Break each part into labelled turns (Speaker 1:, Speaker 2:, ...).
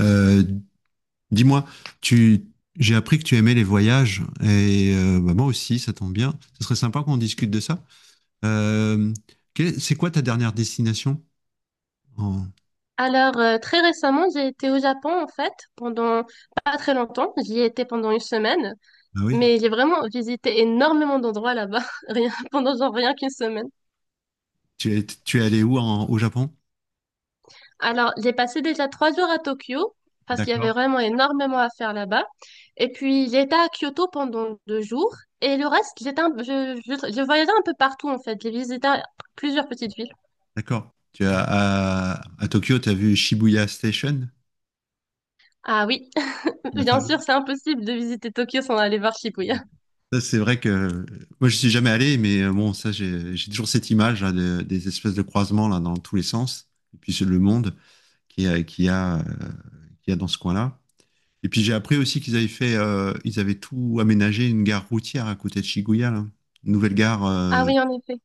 Speaker 1: Euh, Dis-moi, tu, j'ai appris que tu aimais les voyages et bah, moi aussi, ça tombe bien. Ce serait sympa qu'on discute de ça. Euh, c'est quoi ta dernière destination? En...
Speaker 2: Alors, très récemment, j'ai été au Japon, en fait, pendant pas très longtemps. J'y étais pendant une semaine,
Speaker 1: Ah oui,
Speaker 2: mais j'ai vraiment visité énormément d'endroits là-bas, rien, pendant genre rien qu'une semaine.
Speaker 1: tu es allé où au Japon?
Speaker 2: Alors, j'ai passé déjà 3 jours à Tokyo, parce qu'il y avait
Speaker 1: D'accord,
Speaker 2: vraiment énormément à faire là-bas. Et puis, j'étais à Kyoto pendant 2 jours, et le reste, j'étais un- je voyageais un peu partout, en fait. J'ai visité plusieurs petites villes.
Speaker 1: d'accord. À Tokyo, tu as vu Shibuya Station?
Speaker 2: Ah oui,
Speaker 1: La
Speaker 2: bien
Speaker 1: fameuse.
Speaker 2: sûr, c'est impossible de visiter Tokyo sans aller voir Shibuya.
Speaker 1: Ouais. Ça, c'est vrai que moi, je suis jamais allé, mais bon, ça, j'ai toujours cette image là, des espèces de croisements là, dans tous les sens, et puis c'est le monde. qui a, qui a, euh, qui a dans ce coin-là. Et puis j'ai appris aussi ils avaient tout aménagé une gare routière à côté de Shibuya, là. Une nouvelle gare.
Speaker 2: Ah oui, en effet.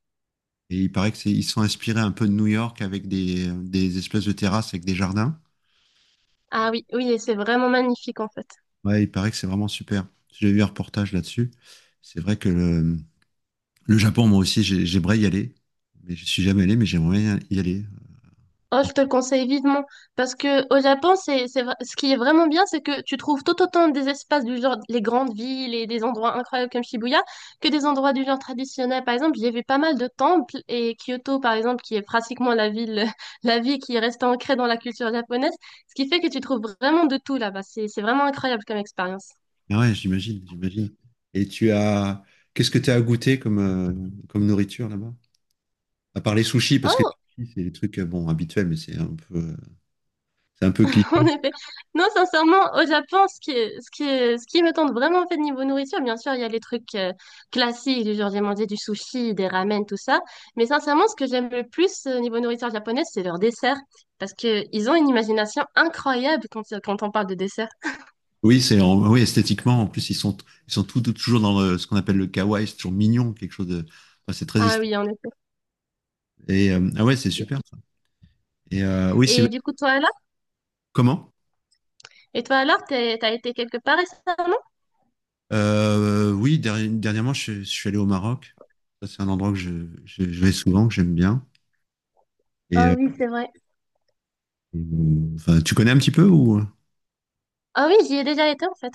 Speaker 1: Et il paraît ils sont inspirés un peu de New York avec des espèces de terrasses avec des jardins.
Speaker 2: Ah oui, oui, et c'est vraiment magnifique en fait.
Speaker 1: Ouais, il paraît que c'est vraiment super. J'ai vu un reportage là-dessus. C'est vrai que le Japon, moi aussi, j'aimerais y aller. Mais je suis jamais allé, mais j'aimerais bien y aller.
Speaker 2: Oh, je te le conseille vivement parce que au Japon, c'est, ce qui est vraiment bien, c'est que tu trouves tout autant des espaces du genre les grandes villes et des endroits incroyables comme Shibuya que des endroits du genre traditionnel. Par exemple, j'ai vu pas mal de temples et Kyoto, par exemple, qui est pratiquement la ville, la ville qui reste ancrée dans la culture japonaise, ce qui fait que tu trouves vraiment de tout là-bas. C'est vraiment incroyable comme expérience.
Speaker 1: Ah ouais, j'imagine, j'imagine. Et tu as, Qu'est-ce que tu as à goûter comme nourriture là-bas? À part les sushis, parce que
Speaker 2: Oh,
Speaker 1: c'est des trucs bon habituels, mais c'est un peu
Speaker 2: en
Speaker 1: cliché.
Speaker 2: effet. Non, sincèrement, au Japon, ce qui me tente vraiment, en fait, niveau nourriture, bien sûr, il y a les trucs classiques, du genre, j'ai mangé du sushi, des ramen, tout ça. Mais sincèrement, ce que j'aime le plus niveau nourriture japonaise, c'est leurs desserts. Parce que ils ont une imagination incroyable quand on parle de dessert.
Speaker 1: Oui, oui, esthétiquement. En plus, ils sont toujours dans ce qu'on appelle le kawaii, c'est toujours mignon, quelque chose de. Enfin, c'est très
Speaker 2: Ah
Speaker 1: esthétique.
Speaker 2: oui, en effet.
Speaker 1: Et ah ouais, c'est super, ça. Et oui, c'est
Speaker 2: Et du coup, toi, alors?
Speaker 1: comment?
Speaker 2: Et toi, alors, t'as été quelque part récemment?
Speaker 1: Oui, dernièrement, je suis allé au Maroc. Ça, c'est un endroit que je vais souvent, que j'aime bien. Et
Speaker 2: Ah oui, c'est vrai.
Speaker 1: enfin, tu connais un petit peu, ou?
Speaker 2: Ah oui, j'y ai déjà été, en fait.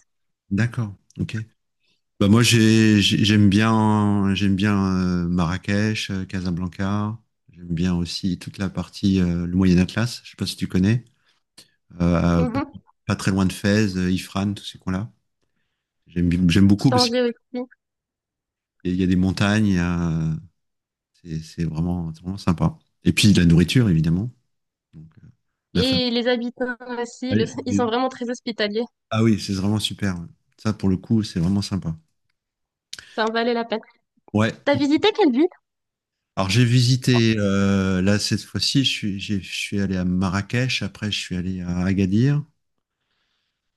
Speaker 1: D'accord. Ok. Bah moi, j'aime bien Marrakech, Casablanca. J'aime bien aussi toute la partie, le Moyen Atlas. Je sais pas si tu connais. Euh, pas,
Speaker 2: Mhm.
Speaker 1: Pas très loin de Fès, Ifrane, tous ces coins-là. J'aime beaucoup parce
Speaker 2: Tanger aussi.
Speaker 1: qu'il y a des montagnes. C'est vraiment sympa. Et puis de la nourriture évidemment. Donc, la famille.
Speaker 2: Et les habitants aussi, ils sont vraiment très hospitaliers.
Speaker 1: Ah oui, c'est vraiment super. Ça pour le coup c'est vraiment sympa.
Speaker 2: Ça en valait la peine.
Speaker 1: Ouais.
Speaker 2: T'as visité quelle ville?
Speaker 1: Alors j'ai visité, là cette fois-ci, je suis allé à Marrakech, après je suis allé à Agadir.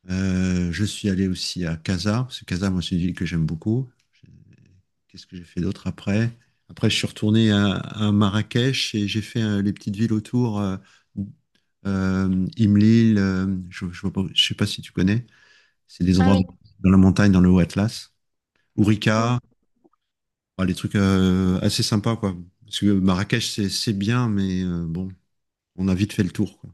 Speaker 1: Je suis allé aussi à Casa, parce que Casa, moi, c'est une ville que j'aime beaucoup. Qu'est-ce que j'ai fait d'autre après? Après je suis retourné à Marrakech et j'ai fait les petites villes autour, Imlil, je sais pas si tu connais, c'est des
Speaker 2: Ah
Speaker 1: endroits
Speaker 2: oui,
Speaker 1: dans la montagne, dans le haut Atlas,
Speaker 2: hmm.
Speaker 1: Ourika, enfin, les trucs assez sympas, quoi. Parce que Marrakech, c'est bien, mais bon, on a vite fait le tour, quoi.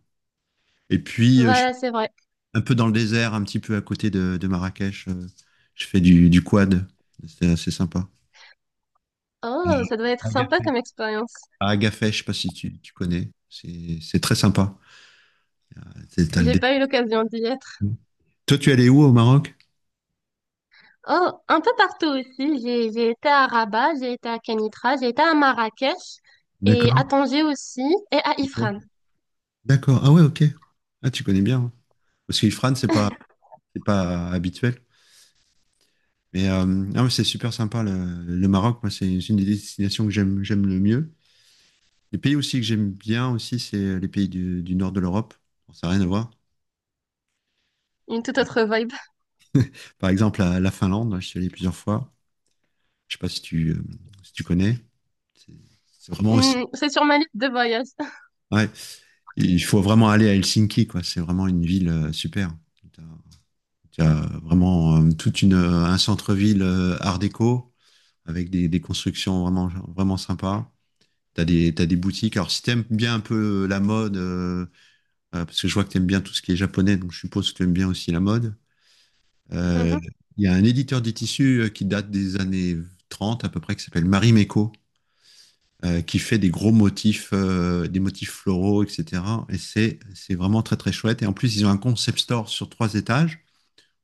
Speaker 1: Et puis, je suis
Speaker 2: Voilà, c'est vrai.
Speaker 1: un peu dans le désert, un petit peu à côté de Marrakech. Je fais du quad. C'est assez sympa.
Speaker 2: Oh, ça doit être sympa
Speaker 1: Agafé.
Speaker 2: comme expérience.
Speaker 1: À Agafay, je sais pas si tu connais. C'est très sympa. C'est- t'as le
Speaker 2: J'ai
Speaker 1: dé-
Speaker 2: pas eu l'occasion d'y être.
Speaker 1: Toi, tu es allé où au Maroc?
Speaker 2: Oh, un peu partout aussi. J'ai été à Rabat, j'ai été à Kenitra, j'ai été à Marrakech et à
Speaker 1: D'accord.
Speaker 2: Tanger aussi et à Ifrane.
Speaker 1: D'accord. Ah ouais, ok. Ah, tu connais bien, hein. Parce que c'est pas habituel. Mais, ah, ouais, c'est super sympa, le Maroc. Moi, c'est une des destinations que j'aime le mieux. Les pays aussi que j'aime bien aussi, c'est les pays du nord de l'Europe. Bon, ça n'a rien à voir.
Speaker 2: Une toute autre vibe.
Speaker 1: Par exemple, la Finlande, je suis allé plusieurs fois. Je sais pas si tu connais. C'est c'est vraiment aussi.
Speaker 2: Hmm, c'est sur ma liste de voyages.
Speaker 1: Ouais. Il faut vraiment aller à Helsinki, quoi. C'est vraiment une ville super. Tu as, Vraiment un centre-ville art déco avec des constructions vraiment, vraiment sympas. T'as des boutiques. Alors, si t'aimes bien un peu la mode, parce que je vois que t'aimes bien tout ce qui est japonais, donc je suppose que t'aimes bien aussi la mode. Euh, Il y a un éditeur des tissus, qui date des années 30 à peu près, qui s'appelle Marie Meco, qui fait des gros motifs, des motifs floraux, etc. Et c'est vraiment très très chouette. Et en plus, ils ont un concept store sur trois étages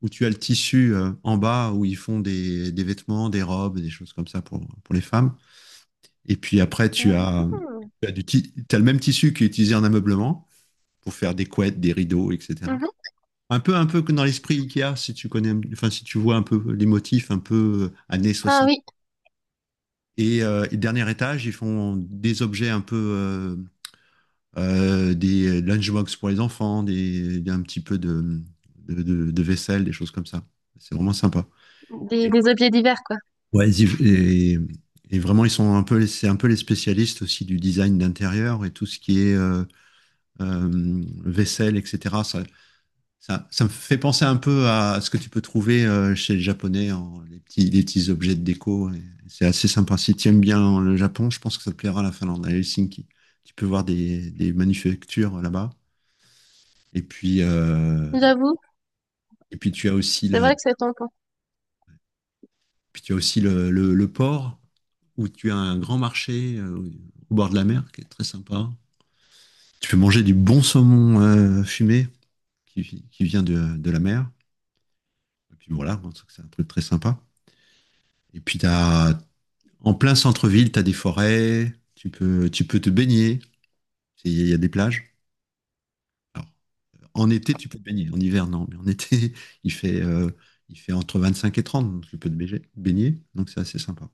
Speaker 1: où tu as le tissu en bas où ils font des vêtements, des robes, des choses comme ça pour les femmes. Et puis après,
Speaker 2: Mhm, mhm.
Speaker 1: tu as, du ti- tu le même tissu qui est utilisé en ameublement pour faire des couettes, des rideaux, etc.
Speaker 2: Mhm.
Speaker 1: Un peu que dans l'esprit Ikea, si tu connais, enfin, si tu vois un peu les motifs, un peu années
Speaker 2: Ah
Speaker 1: 60.
Speaker 2: oui,
Speaker 1: Et dernier étage, ils font des objets des lunchbox pour les enfants, un petit peu de vaisselle, des choses comme ça. C'est vraiment sympa.
Speaker 2: des,
Speaker 1: Et-
Speaker 2: des objets divers quoi.
Speaker 1: Ouais, et vraiment, ils sont un peu, c'est un peu les spécialistes aussi du design d'intérieur et tout ce qui est vaisselle, etc. Ça me fait penser un peu à ce que tu peux trouver chez les Japonais, les petits objets de déco. Et c'est assez sympa. Si tu aimes bien le Japon, je pense que ça te plaira la Finlande, à Helsinki. Tu peux voir des manufactures là-bas. Et puis, euh,
Speaker 2: J'avoue,
Speaker 1: et puis tu as aussi
Speaker 2: c'est
Speaker 1: le,
Speaker 2: vrai que c'est tentant.
Speaker 1: puis tu as aussi le port où tu as un grand marché au bord de la mer qui est très sympa. Tu peux manger du bon saumon fumé qui vient de la mer. Et puis voilà, je pense que c'est un truc très sympa. Et puis, en plein centre-ville, tu as des forêts, tu peux te baigner, il y a des plages. Alors, en été, tu peux te baigner, en hiver, non, mais en été, il fait, euh, il fait entre 25 et 30, donc tu peux baigner, donc c'est assez sympa.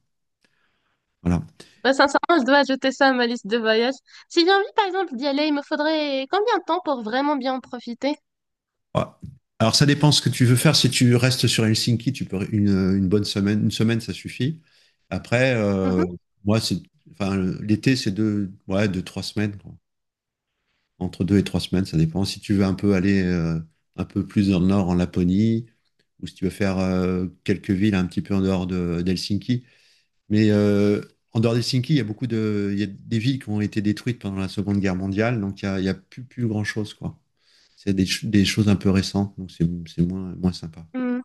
Speaker 1: Voilà.
Speaker 2: Bah, sincèrement, je dois ajouter ça à ma liste de voyage. Si j'ai envie, par exemple, d'y aller, il me faudrait combien de temps pour vraiment bien en profiter?
Speaker 1: Ouais. Alors, ça dépend ce que tu veux faire. Si tu restes sur Helsinki, tu peux une bonne semaine, une semaine, ça suffit. Après,
Speaker 2: Mhm.
Speaker 1: moi, enfin, l'été, c'est deux, ouais, deux, trois semaines, quoi. Entre deux et trois semaines, ça dépend. Si tu veux un peu aller un peu plus dans le nord, en Laponie, ou si tu veux faire quelques villes un petit peu en dehors d'Helsinki. Mais, en dehors d'Helsinki, il y a des villes qui ont été détruites pendant la Seconde Guerre mondiale, donc il y a plus grand-chose, quoi. C'est des choses un peu récentes, donc c'est moins, moins sympa.
Speaker 2: Mm.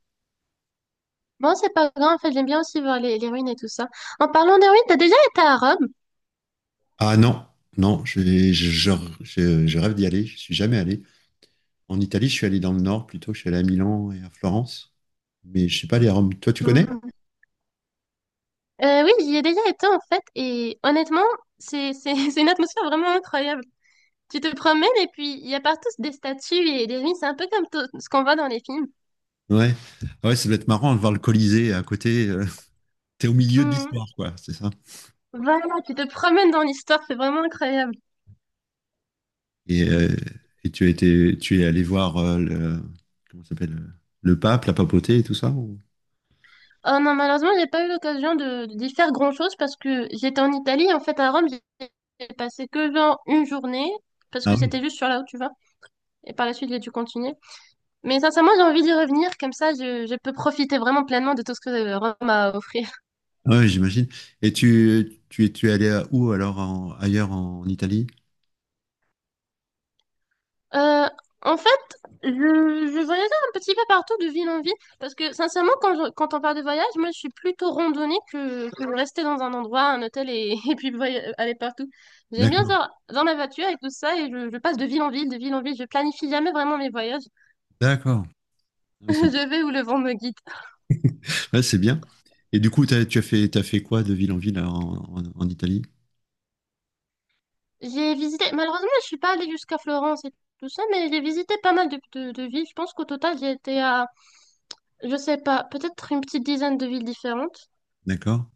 Speaker 2: Bon, c'est pas grave, en fait, j'aime bien aussi voir les ruines et tout ça. En parlant des ruines, t'as déjà été à Rome?
Speaker 1: Ah non, non, je, je- je rêve d'y aller, je suis jamais allé. En Italie, je suis allé dans le nord plutôt, je suis allé à Milan et à Florence, mais je suis pas allé à Rome. Toi, tu connais?
Speaker 2: Mm. Oui, j'y ai déjà été, en fait, et honnêtement, c'est une atmosphère vraiment incroyable. Tu te promènes et puis il y a partout des statues et des ruines, c'est un peu comme ce qu'on voit dans les films.
Speaker 1: Ouais. Ah ouais, ça doit être marrant de voir le Colisée à côté, t'es au milieu de
Speaker 2: Mm.
Speaker 1: l'histoire, quoi, c'est ça.
Speaker 2: Voilà, tu te promènes dans l'histoire, c'est vraiment incroyable.
Speaker 1: Et, euh, et tu es allé voir comment ça s'appelle, le pape, la papauté et tout ça.
Speaker 2: Oh non, malheureusement, j'ai pas eu l'occasion de d'y faire grand-chose parce que j'étais en Italie. En fait, à Rome, j'ai passé que genre une journée parce
Speaker 1: Ah
Speaker 2: que
Speaker 1: oui.
Speaker 2: c'était juste sur là où tu vas. Et par la suite, j'ai dû continuer. Mais sincèrement, j'ai envie d'y revenir. Comme ça, je peux profiter vraiment pleinement de tout ce que Rome m'a offert.
Speaker 1: Ah ouais, j'imagine. Et tu es allé à où alors ailleurs en Italie?
Speaker 2: Euh, En fait, je voyageais un petit peu partout de ville en ville parce que sincèrement, quand on parle de voyage, moi je suis plutôt randonnée que de rester dans un endroit, un hôtel et, et puis aller partout. J'aime bien
Speaker 1: D'accord.
Speaker 2: faire dans ma voiture et tout ça et je passe de ville en ville, de ville en ville. Je planifie jamais vraiment mes voyages.
Speaker 1: D'accord. Ouais, c'est bon.
Speaker 2: Je vais où le vent me guide.
Speaker 1: Ouais, c'est bien. Et du coup, t'as fait quoi de ville en ville alors, en Italie?
Speaker 2: J'ai visité, malheureusement, je suis pas allée jusqu'à Florence et tout ça, mais j'ai visité pas mal de villes. Je pense qu'au total, j'ai été à, je sais pas, peut-être une petite dizaine de villes différentes.
Speaker 1: D'accord.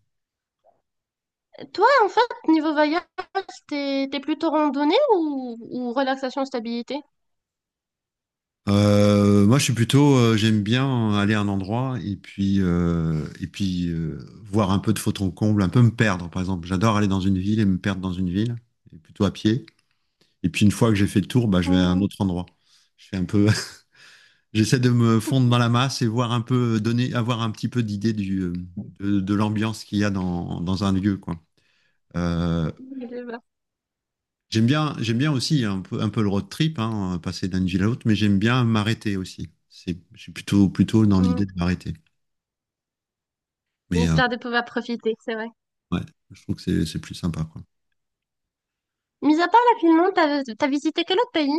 Speaker 2: Toi, en fait, niveau voyage, T'es plutôt randonnée ou relaxation, stabilité?
Speaker 1: Moi, j'aime bien aller à un endroit et puis voir un peu de fond en comble, un peu me perdre, par exemple. J'adore aller dans une ville et me perdre dans une ville, et plutôt à pied. Et puis une fois que j'ai fait le tour, bah, je vais à un
Speaker 2: Mm,
Speaker 1: autre endroit. Je fais un peu, j'essaie de me fondre dans la masse et voir un peu, avoir un petit peu d'idée du de l'ambiance qu'il y a dans un lieu, quoi. Euh,
Speaker 2: les deux, bah.
Speaker 1: j'aime bien aussi un peu le road trip, hein, passer d'une ville à l'autre, mais j'aime bien m'arrêter aussi. Je suis plutôt, plutôt dans
Speaker 2: Mm.
Speaker 1: l'idée de m'arrêter.
Speaker 2: Mais
Speaker 1: Mais,
Speaker 2: histoire de pouvoir profiter, c'est vrai.
Speaker 1: ouais, je trouve que c'est plus sympa, quoi.
Speaker 2: Mis à part la Finlande, t'as visité quel autre pays?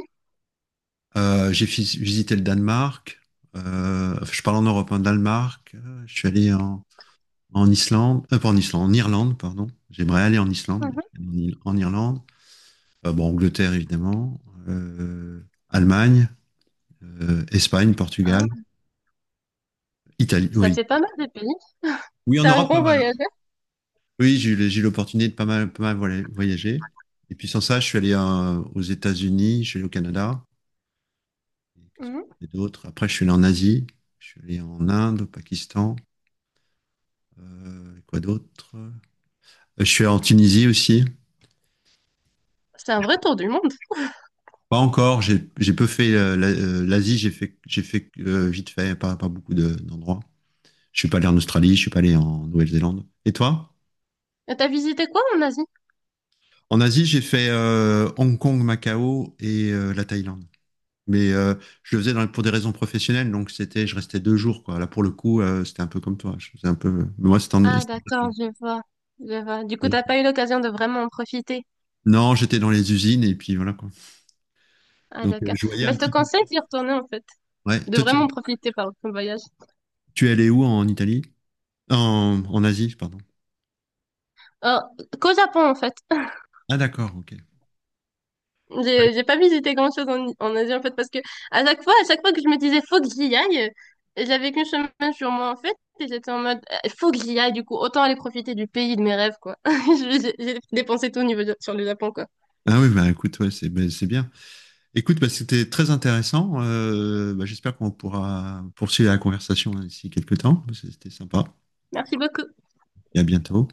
Speaker 1: J'ai visité le Danemark. Je parle en Europe, hein, Danemark. Je suis allé en Islande, pas en Islande, en Irlande, pardon. J'aimerais aller en Islande, mais je
Speaker 2: Mhm.
Speaker 1: suis allé en Irlande. Bon, Angleterre, évidemment. euh, Allemagne, Espagne, Portugal,
Speaker 2: Ah,
Speaker 1: Italie.
Speaker 2: ça
Speaker 1: Oui.
Speaker 2: fait pas mal de pays.
Speaker 1: Oui, en
Speaker 2: T'es un
Speaker 1: Europe, pas
Speaker 2: grand
Speaker 1: mal.
Speaker 2: voyageur.
Speaker 1: Oui, j'ai eu l'opportunité de pas mal, pas mal voilà, voyager. Et puis sans ça, je suis allé aux États-Unis, je suis allé au Canada. Et qu'est-ce que
Speaker 2: Mhm.
Speaker 1: j'ai fait d'autre? Après, je suis allé en Asie, je suis allé en Inde, au Pakistan. Quoi d'autre? Je suis allé en Tunisie aussi.
Speaker 2: C'est un
Speaker 1: Je
Speaker 2: vrai
Speaker 1: crois que
Speaker 2: tour du monde.
Speaker 1: Pas encore. J'ai peu fait l'Asie. J'ai fait vite fait, pas beaucoup d'endroits. Je suis pas allé en Australie. Je suis pas allé en Nouvelle-Zélande. Et toi?
Speaker 2: Et t'as visité quoi en Asie?
Speaker 1: En Asie, j'ai fait Hong Kong, Macao et la Thaïlande. Mais, je le faisais pour des raisons professionnelles, donc je restais 2 jours, quoi. Là, pour le coup, c'était un peu comme toi. Je faisais un peu, mais moi, c'était
Speaker 2: Ah, d'accord, je vois. Je vois. Du coup,
Speaker 1: donc
Speaker 2: t'as pas eu l'occasion de vraiment en profiter.
Speaker 1: non, j'étais dans les usines et puis voilà, quoi.
Speaker 2: Ah,
Speaker 1: Donc,
Speaker 2: d'accord.
Speaker 1: je voyais
Speaker 2: Bah,
Speaker 1: un
Speaker 2: je te
Speaker 1: petit peu.
Speaker 2: conseille d'y retourner, en fait.
Speaker 1: Ouais.
Speaker 2: De
Speaker 1: Toi, tu,
Speaker 2: vraiment profiter, par ton voyage.
Speaker 1: tu es allé où en Italie? En Asie, pardon.
Speaker 2: Euh, qu'au Japon, en fait.
Speaker 1: Ah, d'accord, ok.
Speaker 2: J'ai pas visité grand-chose en Asie en fait parce que à chaque fois que je me disais faut que j'y aille, j'avais qu'une semaine sur moi en fait et j'étais en mode faut que j'y aille du coup autant aller profiter du pays de mes rêves quoi. J'ai dépensé tout au niveau sur le Japon quoi.
Speaker 1: Ah oui, bah, écoute, ouais, c'est bien. Écoute, bah, c'était très intéressant. Bah, j'espère qu'on pourra poursuivre la conversation, hein, d'ici quelques temps. C'était sympa.
Speaker 2: Merci beaucoup.
Speaker 1: Et à bientôt.